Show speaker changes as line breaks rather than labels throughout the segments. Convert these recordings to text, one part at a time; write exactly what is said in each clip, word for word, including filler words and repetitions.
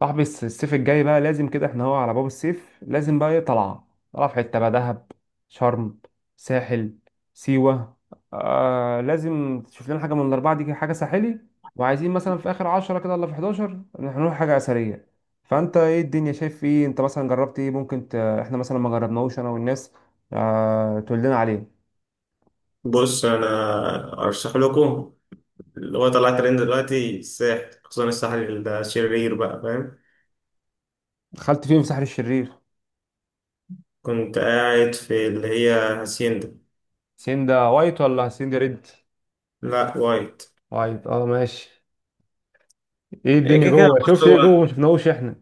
صاحبي الس- الصيف الجاي بقى لازم كده، احنا هو على باب الصيف. لازم بقى ايه، طلعة طلعة في حتة بقى، دهب، شرم، ساحل، سيوة. آه، لازم تشوف لنا حاجة من الأربعة دي كده، حاجة ساحلي. وعايزين مثلا في آخر عشرة كده ولا في حداشر هنروح حاجة أثرية. فأنت ايه الدنيا، شايف ايه، انت مثلا جربت ايه؟ ممكن ت... احنا مثلا ما جربناهوش أنا والناس. آه، تقول لنا عليه.
بص انا ارشح لكم اللي هو طلع ترند دلوقتي الساحل، خصوصا الساحل الشرير بقى. فاهم؟
دخلت فين في ساحل الشرير؟
كنت قاعد في اللي هي هاسيندا.
سيندا وايت ولا سيندا ريد؟
لا، وايت.
وايت، اه ماشي. ايه
هي
الدنيا
كده كده،
جوه،
بص،
شفت ايه
هو
جوه ما شفناهوش احنا؟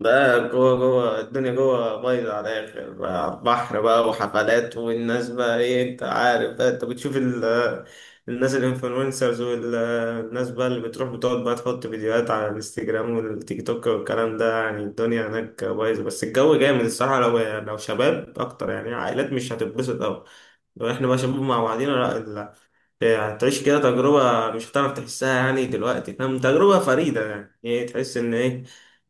ده جوه. جوه الدنيا جوه بايظة على الآخر بقى، على البحر بقى، وحفلات والناس بقى، إيه؟ أنت عارف بقى، أنت بتشوف ال- الناس الإنفلونسرز والناس بقى اللي بتروح بتقعد بقى تحط فيديوهات على الانستجرام والتيك توك والكلام ده. يعني الدنيا هناك بايظة بس الجو جامد الصراحة. لو لو شباب أكتر، يعني عائلات مش هتتبسط أوي. لو إحنا بقى شباب مع بعضينا، لا، هتعيش كده تجربة مش هتعرف تحسها، يعني دلوقتي، فاهم؟ تجربة فريدة، يعني ايه، تحس ان ايه،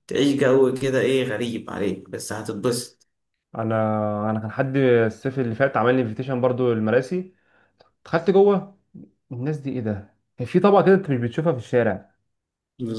تعيش جو كده ايه غريب عليك، بس هتتبسط.
انا انا كان حد الصيف اللي فات عمل لي انفيتيشن برضو المراسي، دخلت جوه. الناس دي ايه ده؟ كان في طبقه كده انت مش بتشوفها في الشارع،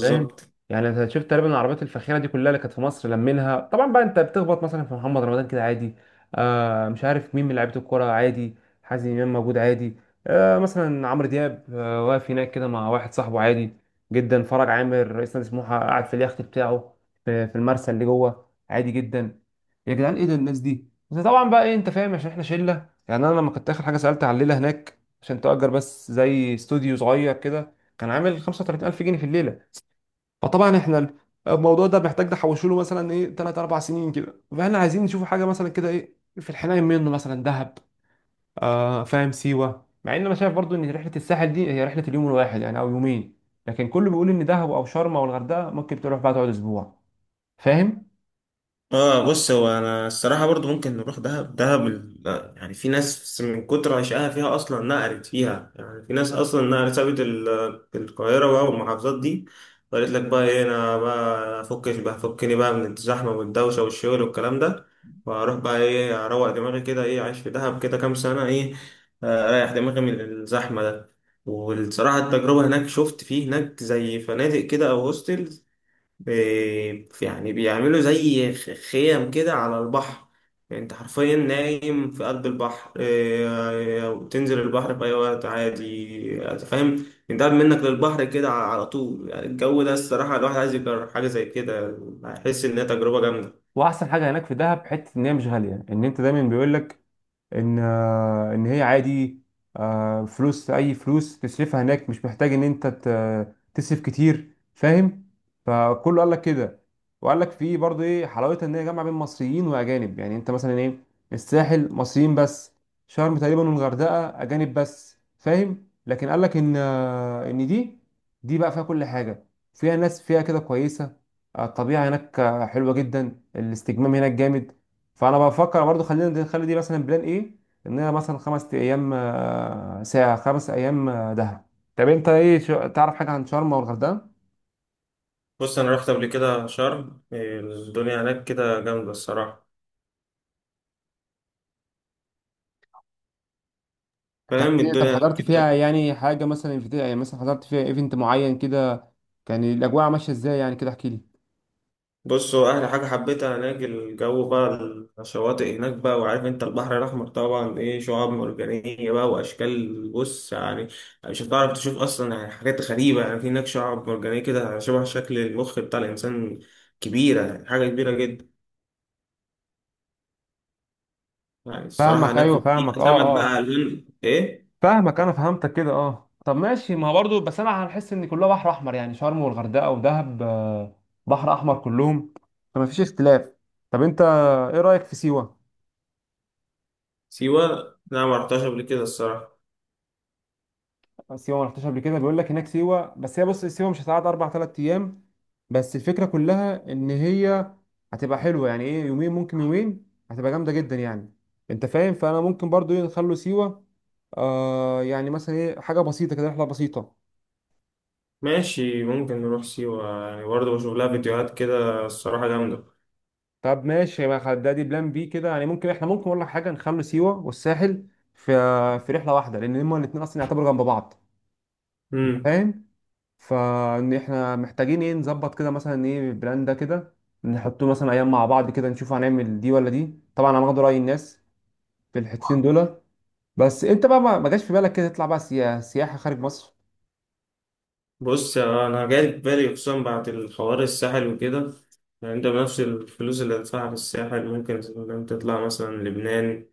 فاهم. يعني انت شفت تقريبا العربيات الفاخره دي كلها اللي كانت في مصر لمينها طبعا. بقى انت بتخبط مثلا في محمد رمضان كده عادي. آه، مش عارف مين من لعيبه الكوره عادي. حازم امام موجود عادي. آه، مثلا عمرو دياب آه واقف هناك كده مع واحد صاحبه عادي جدا. فرج عامر رئيس نادي سموحه قاعد في اليخت بتاعه في في المرسى اللي جوه عادي جدا. يا جدعان ايه ده الناس دي؟ بس طبعا بقى ايه، انت فاهم عشان احنا شله. يعني انا لما كنت اخر حاجه سالت على الليله هناك عشان تأجر بس زي استوديو صغير كده، كان عامل خمسة وتلاتين الف جنيه في الليله. فطبعا احنا الموضوع ده محتاج نحوشه له مثلا ايه تلاتة اربعة سنين كده. فاحنا عايزين نشوف حاجه مثلا كده، ايه في الحنين منه، مثلا دهب، آه فاهم، سيوه. مع ان انا شايف برضو ان رحله الساحل دي هي رحله اليوم الواحد يعني او يومين، لكن كله بيقول ان دهب او شرم او الغردقه ممكن تروح بقى تقعد اسبوع، فاهم.
اه، بص، هو انا الصراحه برضو ممكن نروح دهب. دهب ال- لا، يعني في ناس من كتر عشقها فيها اصلا نقلت فيها، يعني في ناس اصلا نقلت سابت ال- القاهره بقى والمحافظات دي، وقالت لك بقى ايه، انا بقى افكش بقى، فكني بقى من الزحمه والدوشه والشغل والكلام ده، واروح بقى ايه اروق دماغي كده، ايه عايش في دهب كده كام سنه، ايه، آه، اريح دماغي من الزحمه ده. والصراحه التجربه هناك، شفت فيه هناك زي فنادق كده او هوستل بي، يعني بيعملوا زي خ- خيم كده على البحر. يعني انت حرفيا نايم في قلب البحر، إيه، وتنزل البحر في اي وقت عادي. انت فاهم؟ انت قاعد منك للبحر كده، على على طول. يعني الجو ده الصراحة، الواحد عايز يجرب حاجة زي كده، هيحس انها تجربة جامدة.
واحسن حاجه هناك في دهب حته ان هي مش غاليه. ان انت دايما بيقول لك ان آه، ان هي عادي. آه، فلوس اي فلوس تصرفها هناك مش محتاج ان انت ت- تصرف كتير، فاهم. فكله قال لك كده. وقال لك في برضه ايه حلاوتها، ان هي جامعه بين مصريين واجانب. يعني انت مثلا ايه، الساحل مصريين بس، شرم تقريبا والغردقه اجانب بس، فاهم. لكن قال لك ان آه، ان دي دي بقى فيها كل حاجه. فيها ناس فيها كده كويسه. آه، الطبيعه هناك آه، حلوه جدا. الاستجمام هناك جامد. فانا بفكر برضو خلينا نخلي دي مثلا بلان، ايه ان انا مثلا خمس ايام، آه، ساعه خمس ايام، آه، دهب. طب انت ايه، شو- تعرف حاجه عن شرم والغردقه؟
بص انا رحت قبل كده شرم، إيه، الدنيا هناك كده جامدة الصراحة.
كانت
فاهم؟
ايه، طب
الدنيا هناك
حضرت فيها
كده.
يعني حاجه مثلا، في يعني مثلا حضرت فيها ايفنت معين كده؟ كان الاجواء ماشيه ازاي يعني كده، احكي لي.
بص، هو أحلى حاجة حبيتها هناك الجو بقى، الشواطئ هناك بقى. وعارف أنت البحر الأحمر طبعا، إيه، شعاب مرجانية بقى وأشكال. بص يعني، مش هتعرف تشوف أصلا، يعني حاجات غريبة. يعني في هناك شعاب مرجانية كده شبه شكل المخ بتاع الإنسان، كبيرة، يعني حاجة كبيرة جدا يعني الصراحة.
فاهمك،
هناك
ايوه
وفي
فاهمك، اه
سمك
اه
بقى ألوان إيه.
فاهمك، انا فهمتك كده، اه طب ماشي. ما هو برضو بس انا هنحس ان كلها بحر احمر، يعني شرم والغردقه ودهب آه، بحر احمر كلهم. فما فيش اختلاف. طب انت ايه رايك في سيوه؟
سيوة، لا، ما رحتهاش قبل كده الصراحة.
سيوه ما رحتش قبل كده، بيقول لك هناك سيوه. بس هي بص، سيوه مش هتقعد اربع ثلاث ايام. بس الفكره كلها ان هي هتبقى حلوه، يعني ايه يومين، ممكن يومين هتبقى جامده جدا يعني، انت فاهم. فانا ممكن برضو ايه نخلو سيوه، آه، يعني مثلا ايه حاجه بسيطه كده، رحله بسيطه.
ماشي، ممكن نروح سيوة، يعني برضه بشوف لها فيديوهات كده الصراحة جامدة.
طب ماشي، ما خد- ده دي بلان بي كده، يعني ممكن احنا، ممكن اقول لك حاجه نخلو سيوه والساحل في في رحله واحده، لان هما الاثنين اصلا يعتبروا جنب بعض، انت
مم.
فاهم. فان احنا محتاجين ايه نظبط كده مثلا ايه البلان ده كده، نحطه مثلا ايام مع بعض كده نشوف هنعمل دي ولا دي. طبعا انا هاخد رأي الناس في الحتتين دول. بس انت بقى ما ما جاش في بالك كده تطلع بقى سيا- سياحة خارج مصر؟
بص، يا- انا جاي في بالي خصوصا بعد الحوار الساحل وكده. يعني انت بنفس الفلوس اللي هتدفعها في الساحل ممكن مثلاً تطلع مثلا لبنان.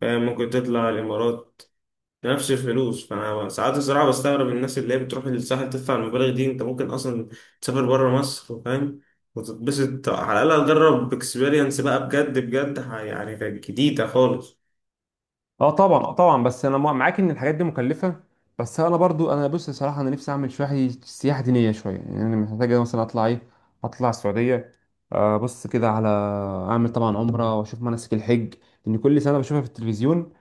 فاهم؟ ممكن تطلع الامارات نفس الفلوس. فانا ساعات الصراحه بستغرب الناس اللي هي بتروح للساحل تدفع المبالغ دي. انت ممكن اصلا تسافر بره مصر، فاهم، وتتبسط، على الاقل تجرب اكسبيرينس بقى بجد بجد، ح- يعني كانت جديده خالص.
اه طبعا، اه طبعا، بس انا مع- معاك ان الحاجات دي مكلفة. بس انا برضو انا بص صراحة، انا نفسي اعمل شوية سياحة دينية. شوية يعني انا محتاج مثلا اطلع ايه، اطلع السعودية. آه، بص كده على اعمل طبعا عمرة، واشوف مناسك الحج. لان كل سنة بشوفها في التلفزيون،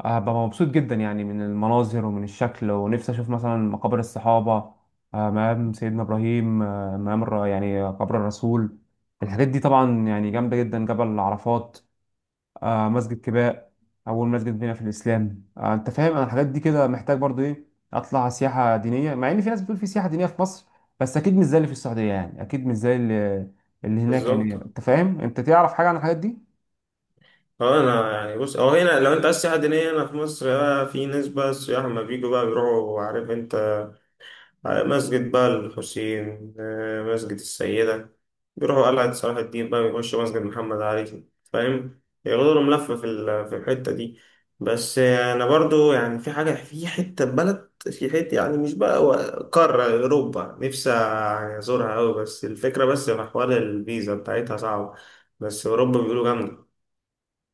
هبقى مبسوط جدا يعني من المناظر ومن الشكل. ونفسي اشوف مثلا مقابر الصحابة، آه، مقام سيدنا ابراهيم، آه، مقام الر- يعني قبر الرسول. الحاجات دي طبعا يعني جامدة جدا. جبل عرفات، آه، مسجد كباء اول مسجد بنا في الاسلام. آه، انت فاهم انا الحاجات دي كده محتاج برضو ايه اطلع سياحة دينية. مع ان في ناس بتقول في سياحة دينية في مصر، بس اكيد مش زي اللي في السعودية. يعني اكيد مش زي اللي اللي هناك. يعني
بالظبط.
انت فاهم، انت تعرف حاجة عن الحاجات دي؟
اه انا يعني، بص، او هنا لو انت عايز سياحه دينيه هنا في مصر بقى، في ناس بقى السياح لما بيجوا بقى بيروحوا، عارف انت، على مسجد بقى الحسين، آه، مسجد السيده، بيروحوا قلعه صلاح الدين بقى، بيخشوا مسجد محمد علي. فاهم؟ ياخدوا لهم لفه في ال- في الحته دي. بس آه، انا برضو يعني في حاجه، في حته بلد في حته، يعني مش بقى و- قاره اوروبا نفسي يعني ازورها قوي، بس الفكره بس في حوار الفيزا بتاعتها صعبه. بس اوروبا بيقولوا جامده.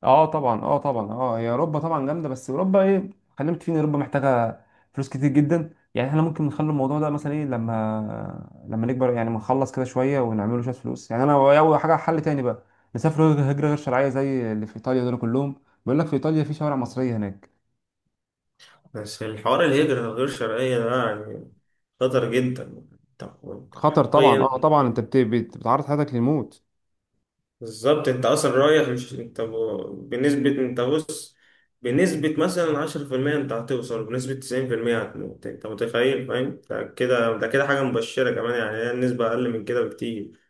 اه طبعا، اه طبعا، اه هي اوروبا طبعا جامده. بس اوروبا ايه، خلينا متفقين إن اوروبا محتاجه فلوس كتير جدا. يعني احنا ممكن نخلي الموضوع ده مثلا ايه لما لما نكبر يعني، ما نخلص كده شويه ونعمله شويه فلوس. يعني انا اول حاجه حل تاني بقى، نسافر هجره غير شرعيه زي اللي في ايطاليا دول كلهم. بيقول لك في ايطاليا في شوارع مصريه هناك.
بس الحوار الهجرة الغير شرعية ده يعني خطر جدا. انت انت
خطر طبعا،
حرفيا.
اه طبعا، انت بت- بت- بتعرض حياتك للموت.
بالظبط، انت اصلا رايح مش انت ب- بنسبة، انت بص، بنسبة مثلا عشرة في المية انت هتوصل، بنسبة تسعين في المية هتموت. انت متخيل؟ فاهم ده كده؟ ده كده حاجة مبشرة كمان يعني، هي النسبة أقل من كده بكتير.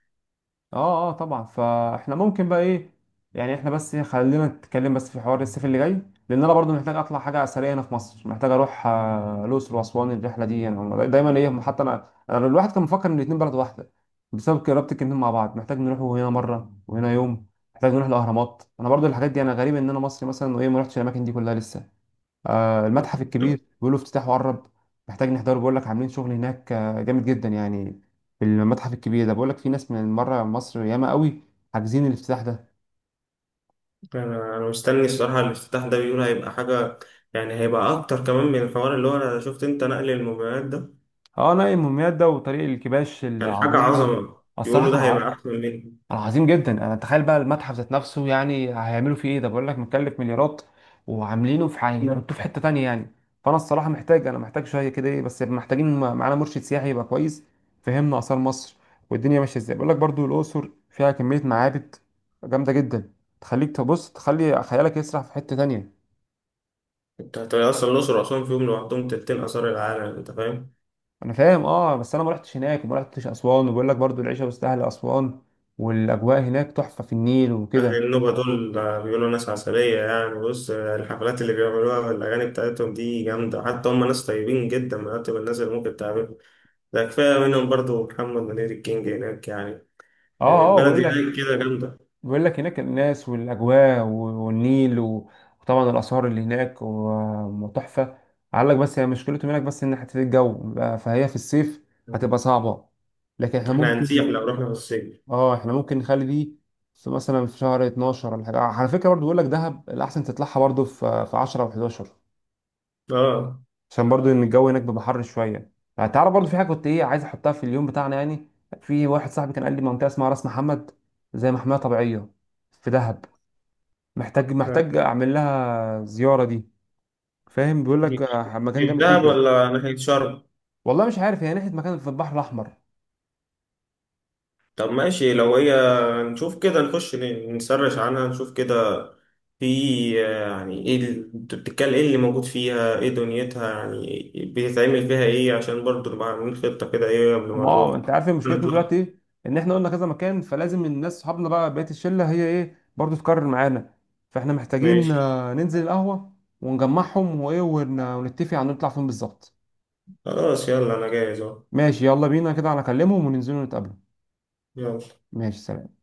اه اه طبعا، فاحنا ممكن بقى ايه، يعني احنا بس إيه، خلينا نتكلم بس في حوار الصيف اللي جاي. لان انا برضو محتاج اطلع حاجه اثريه هنا في مصر. محتاج اروح آه، الاقصر واسوان. الرحله دي يعني دايما ايه، حتى انا أنا الواحد كان مفكر ان الاتنين بلد واحده بسبب قرابه الاتنين مع بعض. محتاج نروح هنا مره وهنا يوم. محتاج نروح الاهرامات. انا برضو الحاجات دي، انا غريب ان انا مصري مثلا وايه ما رحتش الاماكن دي كلها لسه. آه، المتحف الكبير بيقولوا افتتاحه قرب، محتاج نحضره. بيقول لك عاملين شغل هناك آه، جامد جدا يعني. في المتحف الكبير ده بيقول لك في ناس من بره مصر ياما قوي حاجزين الافتتاح ده.
أنا أنا مستني الصراحة الافتتاح ده، بيقول هيبقى حاجة، يعني هيبقى أكتر كمان من الحوار اللي هو أنا شفت أنت نقل الموبايلات ده.
اه نايم دمياط ده وطريق الكباش
كان حاجة
العظيم
عظمة،
الصراحه
بيقولوا
كان.
ده هيبقى أحسن منه.
انا عظيم جدا انا تخيل بقى المتحف ذات نفسه، يعني هيعملوا فيه ايه؟ ده بقول لك مكلف مليارات وعاملينه في حاجه، نعم. يحطوه في حته تانية يعني. فانا الصراحه محتاج انا محتاج شويه كده ايه. بس محتاجين م- معانا مرشد سياحي يبقى كويس. فهمنا اثار مصر والدنيا ماشيه ازاي. بقول لك برضو الاقصر فيها كميه معابد جامده جدا، تخليك تبص تخلي خيالك يسرح في حته تانية.
انت هت- اصلا الاقصر واسوان فيهم لوحدهم تلتين اثار العالم. انت فاهم؟
انا فاهم، اه بس انا ما رحتش هناك وما رحتش اسوان. وبقول لك برضو العيشه مستاهله اسوان، والاجواء هناك تحفه في النيل
اهل
وكده.
النوبه دول بيقولوا ناس عسليه، يعني بص الحفلات اللي بيعملوها والاغاني بتاعتهم دي جامده. حتى هم ناس طيبين جدا، من اطيب الناس اللي ممكن تقابلهم. ده كفايه منهم برضو محمد منير الكينج هناك يعني.
اه
يعني
اه
البلد
بقول
هناك
لك
كده جامده.
بيقول لك هناك الناس والاجواء و- والنيل و- وطبعا الاسعار اللي هناك و- وتحفه. قال لك بس هي مشكلته هناك بس ان حته الجو بقى- فهي في الصيف هتبقى صعبه. لكن احنا
احنا هنسيح
ممكن،
لو رحنا في الصيف.
اه احنا ممكن نخلي دي في مثلا في شهر اتناشر ولا حاجه. على فكره برضو بيقول لك دهب الاحسن تطلعها برضو في في عشرة و11،
اه.
عشان برضو ان الجو هناك بيبقى حر شويه. يعني تعرف برضو في حاجه كنت ايه عايز احطها في اليوم بتاعنا يعني. في واحد صاحبي كان قال لي منطقه اسمها راس محمد، زي محميه طبيعيه في دهب. محتاج
آه.
محتاج اعمل لها زياره دي، فاهم. بيقول
دي
لك
دي
آه، مكان
في
جامد
دهب
جدا.
ولا ناحيه شرم؟
والله مش عارف، هي ناحيه مكان في البحر الاحمر.
طب ماشي لو هي، نشوف كده، نخش ن- نسرش عنها نشوف كده في، آه، يعني ايه ال- انت بتتكلم ايه اللي موجود فيها، ايه دنيتها يعني، بيتعمل فيها ايه، عشان برضو نبقى عاملين خطة كده ايه قبل ما
ما هو
نروح
انت عارف إيه مشكلتنا
نطلع.
دلوقتي ايه، ان احنا قلنا كذا مكان. فلازم الناس صحابنا بقى بقيه الشله هي ايه برضو تكرر معانا. فاحنا محتاجين
ماشي،
آه، ننزل القهوه ونجمعهم وايه ون- ونتفق على نطلع فين بالظبط.
خلاص، يلا انا جاهز اهو.
ماشي يلا بينا كده، انا اكلمهم وننزلوا نتقابلوا.
يلا.
ماشي سلام.